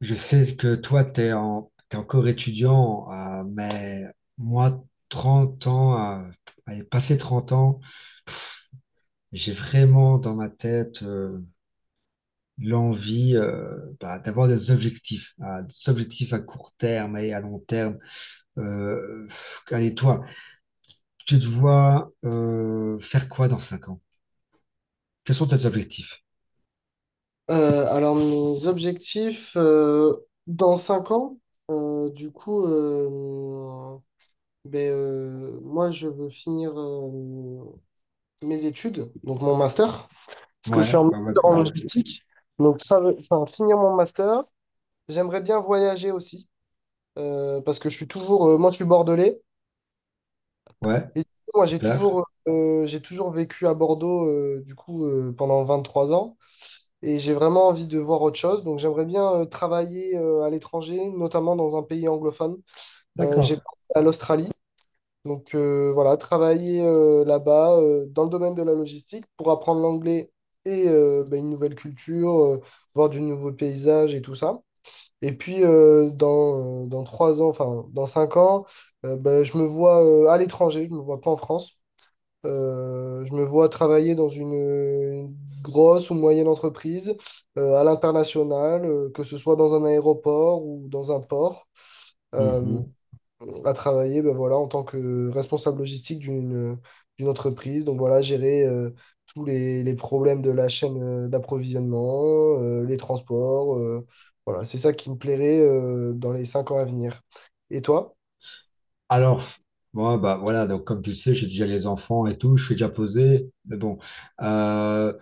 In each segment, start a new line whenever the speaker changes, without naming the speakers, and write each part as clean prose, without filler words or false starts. Je sais que toi, t'es encore étudiant, mais moi, 30 ans, allez, passé 30 ans, j'ai vraiment dans ma tête l'envie d'avoir des objectifs à court terme et à long terme. Allez, toi, tu te vois faire quoi dans 5 ans? Quels sont tes objectifs?
Alors mes objectifs dans 5 ans, euh, du coup, euh, moi je veux finir mes études, donc mon master, parce que je suis en
Ouais, ouais, ouais,
master en
ouais, ouais.
logistique, donc ça, enfin, finir mon master, j'aimerais bien voyager aussi, parce que je suis toujours, moi je suis bordelais,
Ouais,
et du coup, moi j'ai
super,
toujours, euh, j'ai toujours vécu à Bordeaux, pendant 3 ans. Et j'ai vraiment envie de voir autre chose. Donc j'aimerais bien travailler à l'étranger, notamment dans un pays anglophone. J'ai
d'accord.
pensé à l'Australie. Donc voilà, travailler là-bas dans le domaine de la logistique pour apprendre l'anglais et bah, une nouvelle culture, voir du nouveau paysage et tout ça. Et puis dans 3 ans, enfin dans 5 ans, je me vois à l'étranger, je ne me vois pas en France. Je me vois travailler dans une grosse ou moyenne entreprise à l'international, que ce soit dans un aéroport ou dans un port, euh, à travailler ben voilà, en tant que responsable logistique d'une entreprise. Donc voilà, gérer tous les problèmes de la chaîne d'approvisionnement, les transports. Voilà, c'est ça qui me plairait dans les 5 ans à venir. Et toi?
Alors, moi, bah voilà, donc comme tu sais, j'ai déjà les enfants et tout, je suis déjà posé, mais bon. Euh,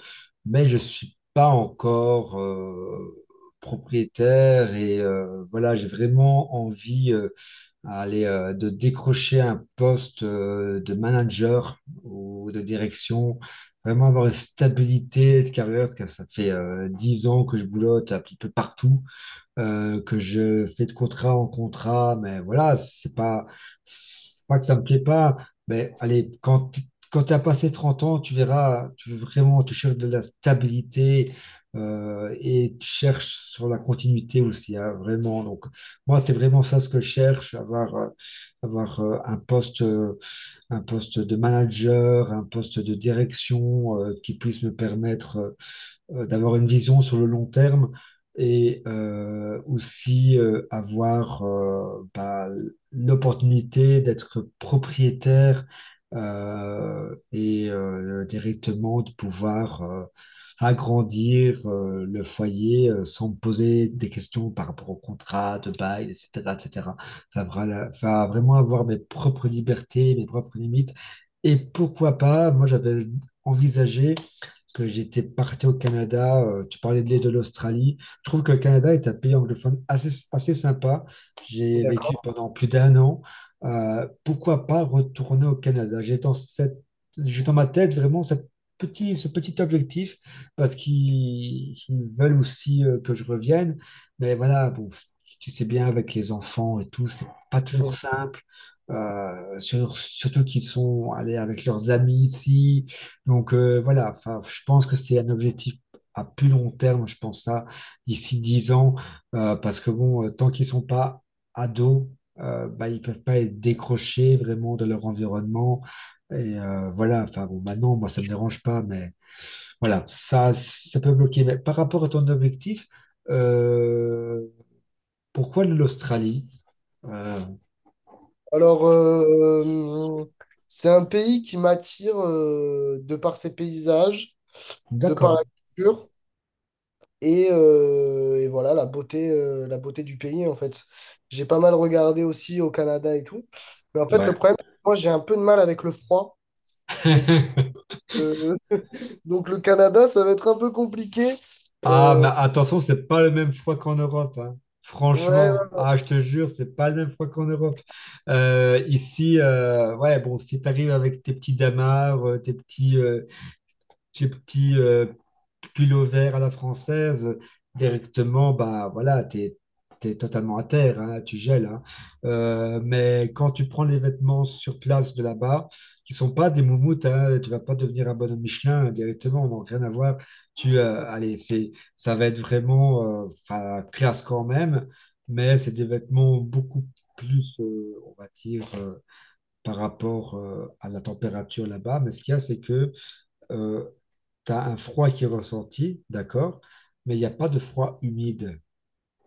mais je suis pas encore propriétaire et voilà, j'ai vraiment envie à aller, de décrocher un poste de manager ou de direction, vraiment avoir une stabilité de carrière, parce que ça fait 10 ans que je boulotte un petit peu partout que je fais de contrat en contrat, mais voilà, c'est pas que ça me plaît pas, mais allez, quand tu as passé 30 ans, tu verras, tu veux vraiment, tu cherches de la stabilité et tu cherches sur la continuité aussi, hein, vraiment. Donc, moi, c'est vraiment ça ce que je cherche, avoir un poste de manager, un poste de direction qui puisse me permettre d'avoir une vision sur le long terme et aussi avoir l'opportunité d'être propriétaire et directement de pouvoir agrandir le foyer sans me poser des questions par rapport au contrat de bail, etc., etc. Va vraiment avoir mes propres libertés, mes propres limites. Et pourquoi pas, moi j'avais envisagé parce que j'étais parti au Canada, tu parlais de l'île de l'Australie. Je trouve que le Canada est un pays anglophone assez, assez sympa. J'ai vécu
D'accord.
pendant plus d'un an. Pourquoi pas retourner au Canada? J'ai dans ma tête vraiment ce petit objectif parce qu'ils veulent aussi que je revienne. Mais voilà, bon, tu sais bien, avec les enfants et tout, c'est pas toujours simple. Surtout qu'ils sont allés avec leurs amis ici. Donc voilà, enfin, je pense que c'est un objectif à plus long terme, je pense ça, d'ici 10 ans, parce que bon, tant qu'ils sont pas ados, ils peuvent pas être décrochés vraiment de leur environnement. Et voilà, enfin bon, maintenant, moi, ça me dérange pas, mais voilà, ça peut bloquer. Mais par rapport à ton objectif, euh, pourquoi l'Australie? Euh,
Alors, c'est un pays qui m'attire de par ses paysages, de par la
d'accord,
culture et voilà la beauté du pays en fait. J'ai pas mal regardé aussi au Canada et tout. Mais en fait, le
ouais.
problème, c'est que moi, j'ai un peu de mal avec le froid. Donc, euh, donc le Canada, ça va être un peu compliqué.
Ah,
Euh,
mais attention, c'est pas le même froid qu'en Europe, hein.
ouais,
Franchement,
ouais.
ah, je te jure, c'est pas le même froid qu'en Europe. Ici, ouais, bon, si t'arrives avec tes petits damars, tes petits, tes petits euh, culot vert à la française, directement, bah voilà, t'es totalement à terre, hein, tu gèles, hein. Mais quand tu prends les vêtements sur place de là-bas, qui sont pas des moumoutes, hein, tu vas pas devenir un bonhomme Michelin, hein, directement, non, rien à voir. Allez, ça va être vraiment, enfin, classe quand même, mais c'est des vêtements beaucoup plus, on va dire, par rapport à la température là-bas. Mais ce qu'il y a, c'est que euh, tu as un froid qui est ressenti, d'accord, mais il n'y a pas de froid humide.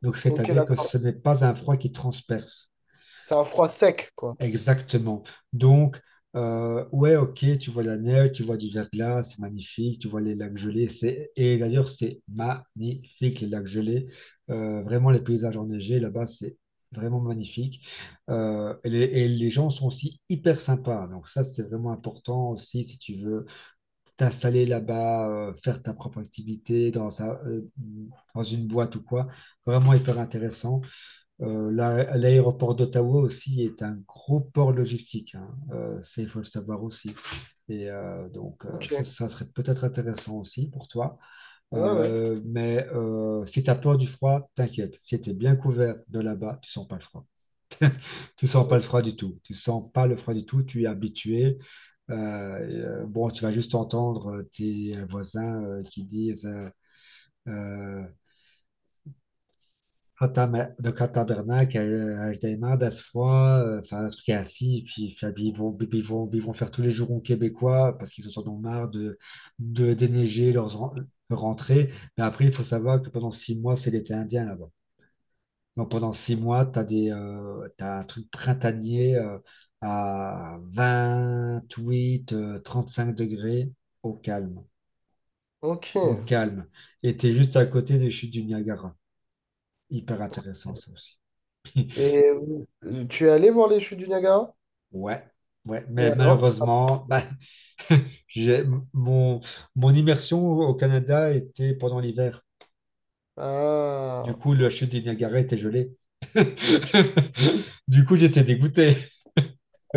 Donc,
Ok,
c'est-à-dire que
d'accord.
ce n'est pas un froid qui transperce.
C'est un froid sec, quoi.
Exactement. Donc, ouais, ok, tu vois la neige, tu vois du verglas, c'est magnifique, tu vois les lacs gelés, et d'ailleurs, c'est magnifique, les lacs gelés. Vraiment, les paysages enneigés, là-bas, c'est vraiment magnifique. Les gens sont aussi hyper sympas. Donc, ça, c'est vraiment important aussi si tu veux t'installer là-bas, faire ta propre activité dans une boîte ou quoi. Vraiment hyper intéressant. L'aéroport d'Ottawa aussi est un gros port logistique, hein. Ça, il faut le savoir aussi. Et donc,
Ok,
ça,
ouais,
ça serait peut-être intéressant aussi pour toi.
ouais.
Mais si tu as peur du froid, t'inquiète. Si tu es bien couvert de là-bas, tu sens pas le froid. Tu sens pas le froid du tout. Tu sens pas le froid du tout. Tu es habitué. Bon, tu vas juste entendre tes voisins qui disent euh, donc à Tabernac, Altaïma, Das froid, enfin un truc ainsi. Et puis, enfin, puis ils vont faire tous les jurons québécois parce qu'ils en sont marre de déneiger leurs rentrées. Mais après, il faut savoir que pendant 6 mois, c'est l'été indien là-bas. Donc pendant 6 mois, t'as un truc printanier à 8 5 degrés au calme.
Ok.
Au calme. Et tu es juste à côté des chutes du Niagara. Hyper intéressant ça aussi.
Et vous- Tu es allé voir les chutes du Niagara?
Ouais, ouais.
Et
Mais
alors?
malheureusement, bah, j'ai, mon, mon immersion au Canada était pendant l'hiver. Du
Ah,
coup, la chute du Niagara était gelée. Du coup, j'étais dégoûté.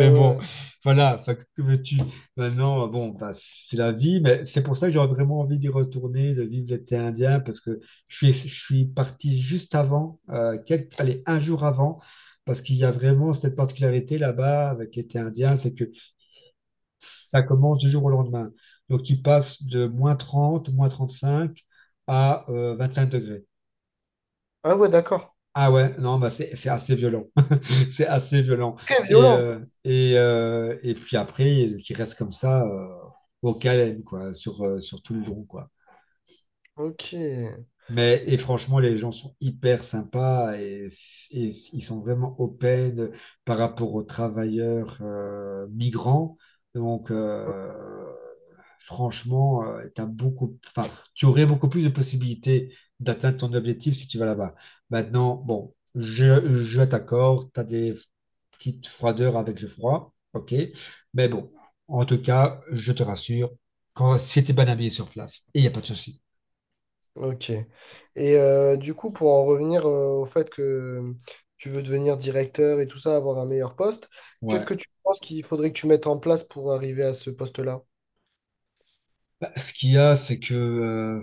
ah
bon,
ouais.
voilà, enfin, que veux-tu? Maintenant, bon, bah, c'est la vie, mais c'est pour ça que j'aurais vraiment envie d'y retourner, de vivre l'été indien, parce que je suis parti juste avant, allez, un jour avant, parce qu'il y a vraiment cette particularité là-bas avec l'été indien, c'est que ça commence du jour au lendemain. Donc, tu passes de -30 -35 à 5 degrés.
Ah ouais, d'accord.
Ah ouais, non, bah, c'est assez violent. C'est assez violent.
Très
Et,
violent.
euh, et, euh, et puis après, qui reste comme ça au calme, quoi, sur tout le long, quoi.
Ok.
Mais et franchement, les gens sont hyper sympas et, ils sont vraiment open par rapport aux travailleurs migrants. Donc, franchement, tu aurais beaucoup plus de possibilités d'atteindre ton objectif si tu vas là-bas. Maintenant, bon, je t'accorde, tu as des petite froideur avec le froid, ok. Mais bon, en tout cas, je te rassure, quand c'était bien habillé sur place, il n'y a pas de souci.
Ok. Et du coup, pour en revenir au fait que tu veux devenir directeur et tout ça, avoir un meilleur poste, qu'est-ce
Ouais.
que tu penses qu'il faudrait que tu mettes en place pour arriver à ce poste-là?
Bah, ce qu'il y a, c'est que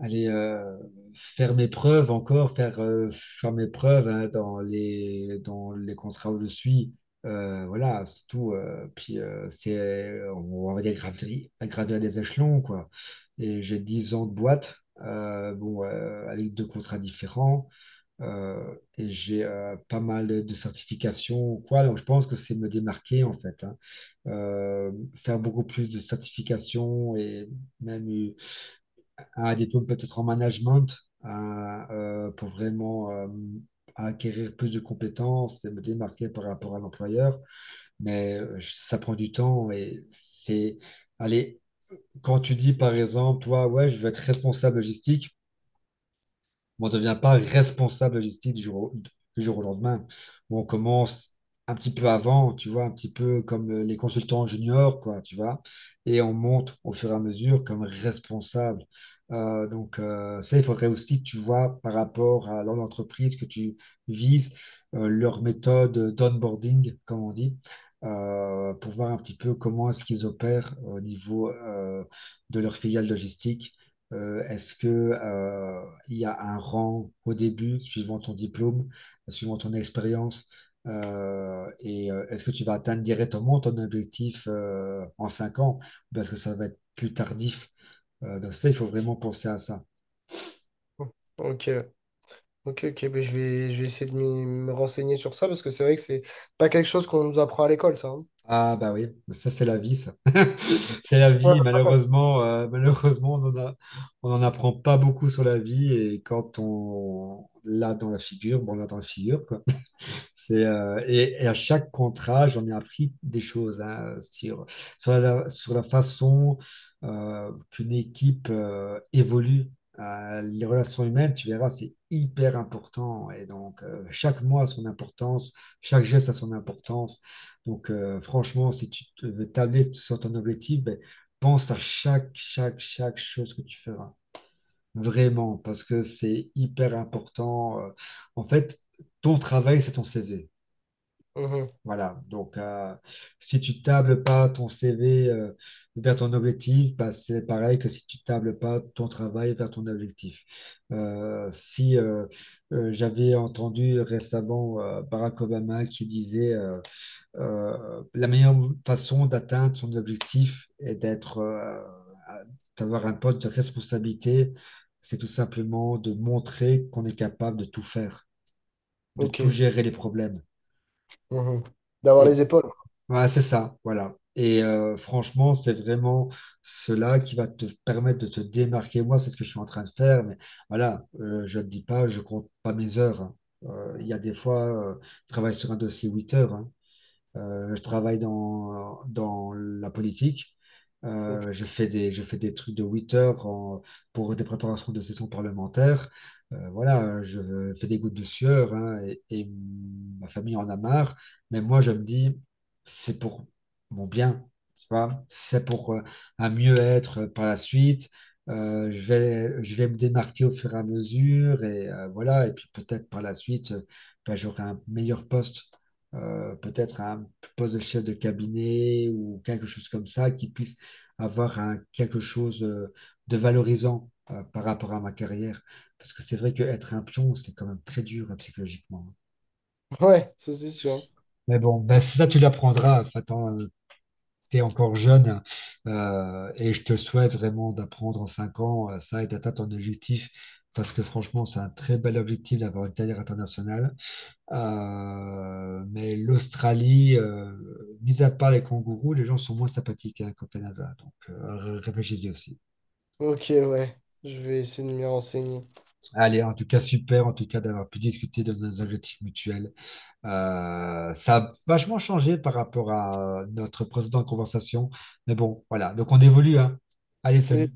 aller faire mes preuves encore, faire mes preuves, hein, dans dans les contrats où je suis, voilà, c'est tout. On va dire, gravir des échelons, quoi. Et j'ai 10 ans de boîte, bon, avec deux contrats différents. Et j'ai pas mal de certifications ou quoi. Donc, je pense que c'est me démarquer, en fait, hein. Faire beaucoup plus de certifications et même un diplôme peut-être en management, hein, pour vraiment acquérir plus de compétences et me démarquer par rapport à l'employeur. Mais ça prend du temps Allez, quand tu dis, par exemple, toi, ouais, je veux être responsable logistique, on ne devient pas responsable logistique du jour au lendemain. Bon, on commence un petit peu avant, tu vois, un petit peu comme les consultants juniors, quoi, tu vois, et on monte au fur et à mesure comme responsable. Ça, il faudrait aussi, tu vois, par rapport à l'entreprise que tu vises, leur méthode d'onboarding, comme on dit, pour voir un petit peu comment est-ce qu'ils opèrent au niveau de leur filiale logistique, est-ce que, il y a un rang au début, suivant ton diplôme, suivant ton expérience, est-ce que tu vas atteindre directement ton objectif en 5 ans? Parce que ça va être plus tardif. Donc ça, il faut vraiment penser à ça.
Ok, ok, ok. Ben, je vais essayer de me renseigner sur ça parce que c'est vrai que c'est pas quelque chose qu'on nous apprend à l'école, ça. Hein.
Ah bah oui, mais ça c'est la vie, ça. C'est la vie,
Ouais.
malheureusement, on n'en apprend pas beaucoup sur la vie et quand on l'a dans la figure, bon, on l'a dans la figure. Et à chaque contrat, j'en ai appris des choses, hein, sur la façon qu'une équipe évolue. Les relations humaines, tu verras, c'est hyper important. Et donc, chaque mois a son importance, chaque geste a son importance. Donc, franchement, si veux tabler sur ton objectif, ben, pense à chaque chose que tu feras. Vraiment, parce que c'est hyper important. En fait, ton travail, c'est ton CV.
Mhm.
Voilà, donc si tu tables pas ton CV vers ton objectif, bah, c'est pareil que si tu tables pas ton travail vers ton objectif. Si J'avais entendu récemment Barack Obama qui disait la meilleure façon d'atteindre son objectif est à- d'avoir un poste de responsabilité, c'est tout simplement de montrer qu'on est capable de tout faire, de tout
Ok.
gérer les problèmes.
Mhm. D'avoir les
Et
épaules.
Ouais, c'est ça, voilà. Et franchement, c'est vraiment cela qui va te permettre de te démarquer. Moi, c'est ce que je suis en train de faire, mais voilà, je ne te dis pas, je compte pas mes heures, hein. Il y a des fois, euh, je travaille sur un dossier 8 heures, hein. Je travaille dans la politique.
Donc,
Je fais des trucs de 8 heures pour des préparations de sessions parlementaires. Voilà, je fais des gouttes de sueur, hein, et ma famille en a marre. Mais moi, je me dis, c'est pour mon bien, tu vois, c'est pour un mieux-être par la suite. Je vais me démarquer au fur et à mesure et voilà. Et puis peut-être par la suite, j'aurai un meilleur poste peut-être à un poste de chef de cabinet ou quelque chose comme ça, qui puisse avoir quelque chose de valorisant par rapport à ma carrière. Parce que c'est vrai qu'être un pion, c'est quand même très dur psychologiquement.
ouais, ça c'est sûr.
Mais bon, bah, ça, tu l'apprendras. T'es encore jeune et je te souhaite vraiment d'apprendre en 5 ans ça et d'atteindre ton objectif. Parce que franchement, c'est un très bel objectif d'avoir une carrière internationale. Mais l'Australie, mis à part les kangourous, les gens sont moins sympathiques, hein, qu'au Canada. Donc, réfléchissez aussi.
Ok, ouais, je vais essayer de m'y renseigner.
Allez, en tout cas, super, en tout cas, d'avoir pu discuter de nos objectifs mutuels. Ça a vachement changé par rapport à notre précédente conversation. Mais bon, voilà. Donc, on évolue, hein. Allez,
Et
salut.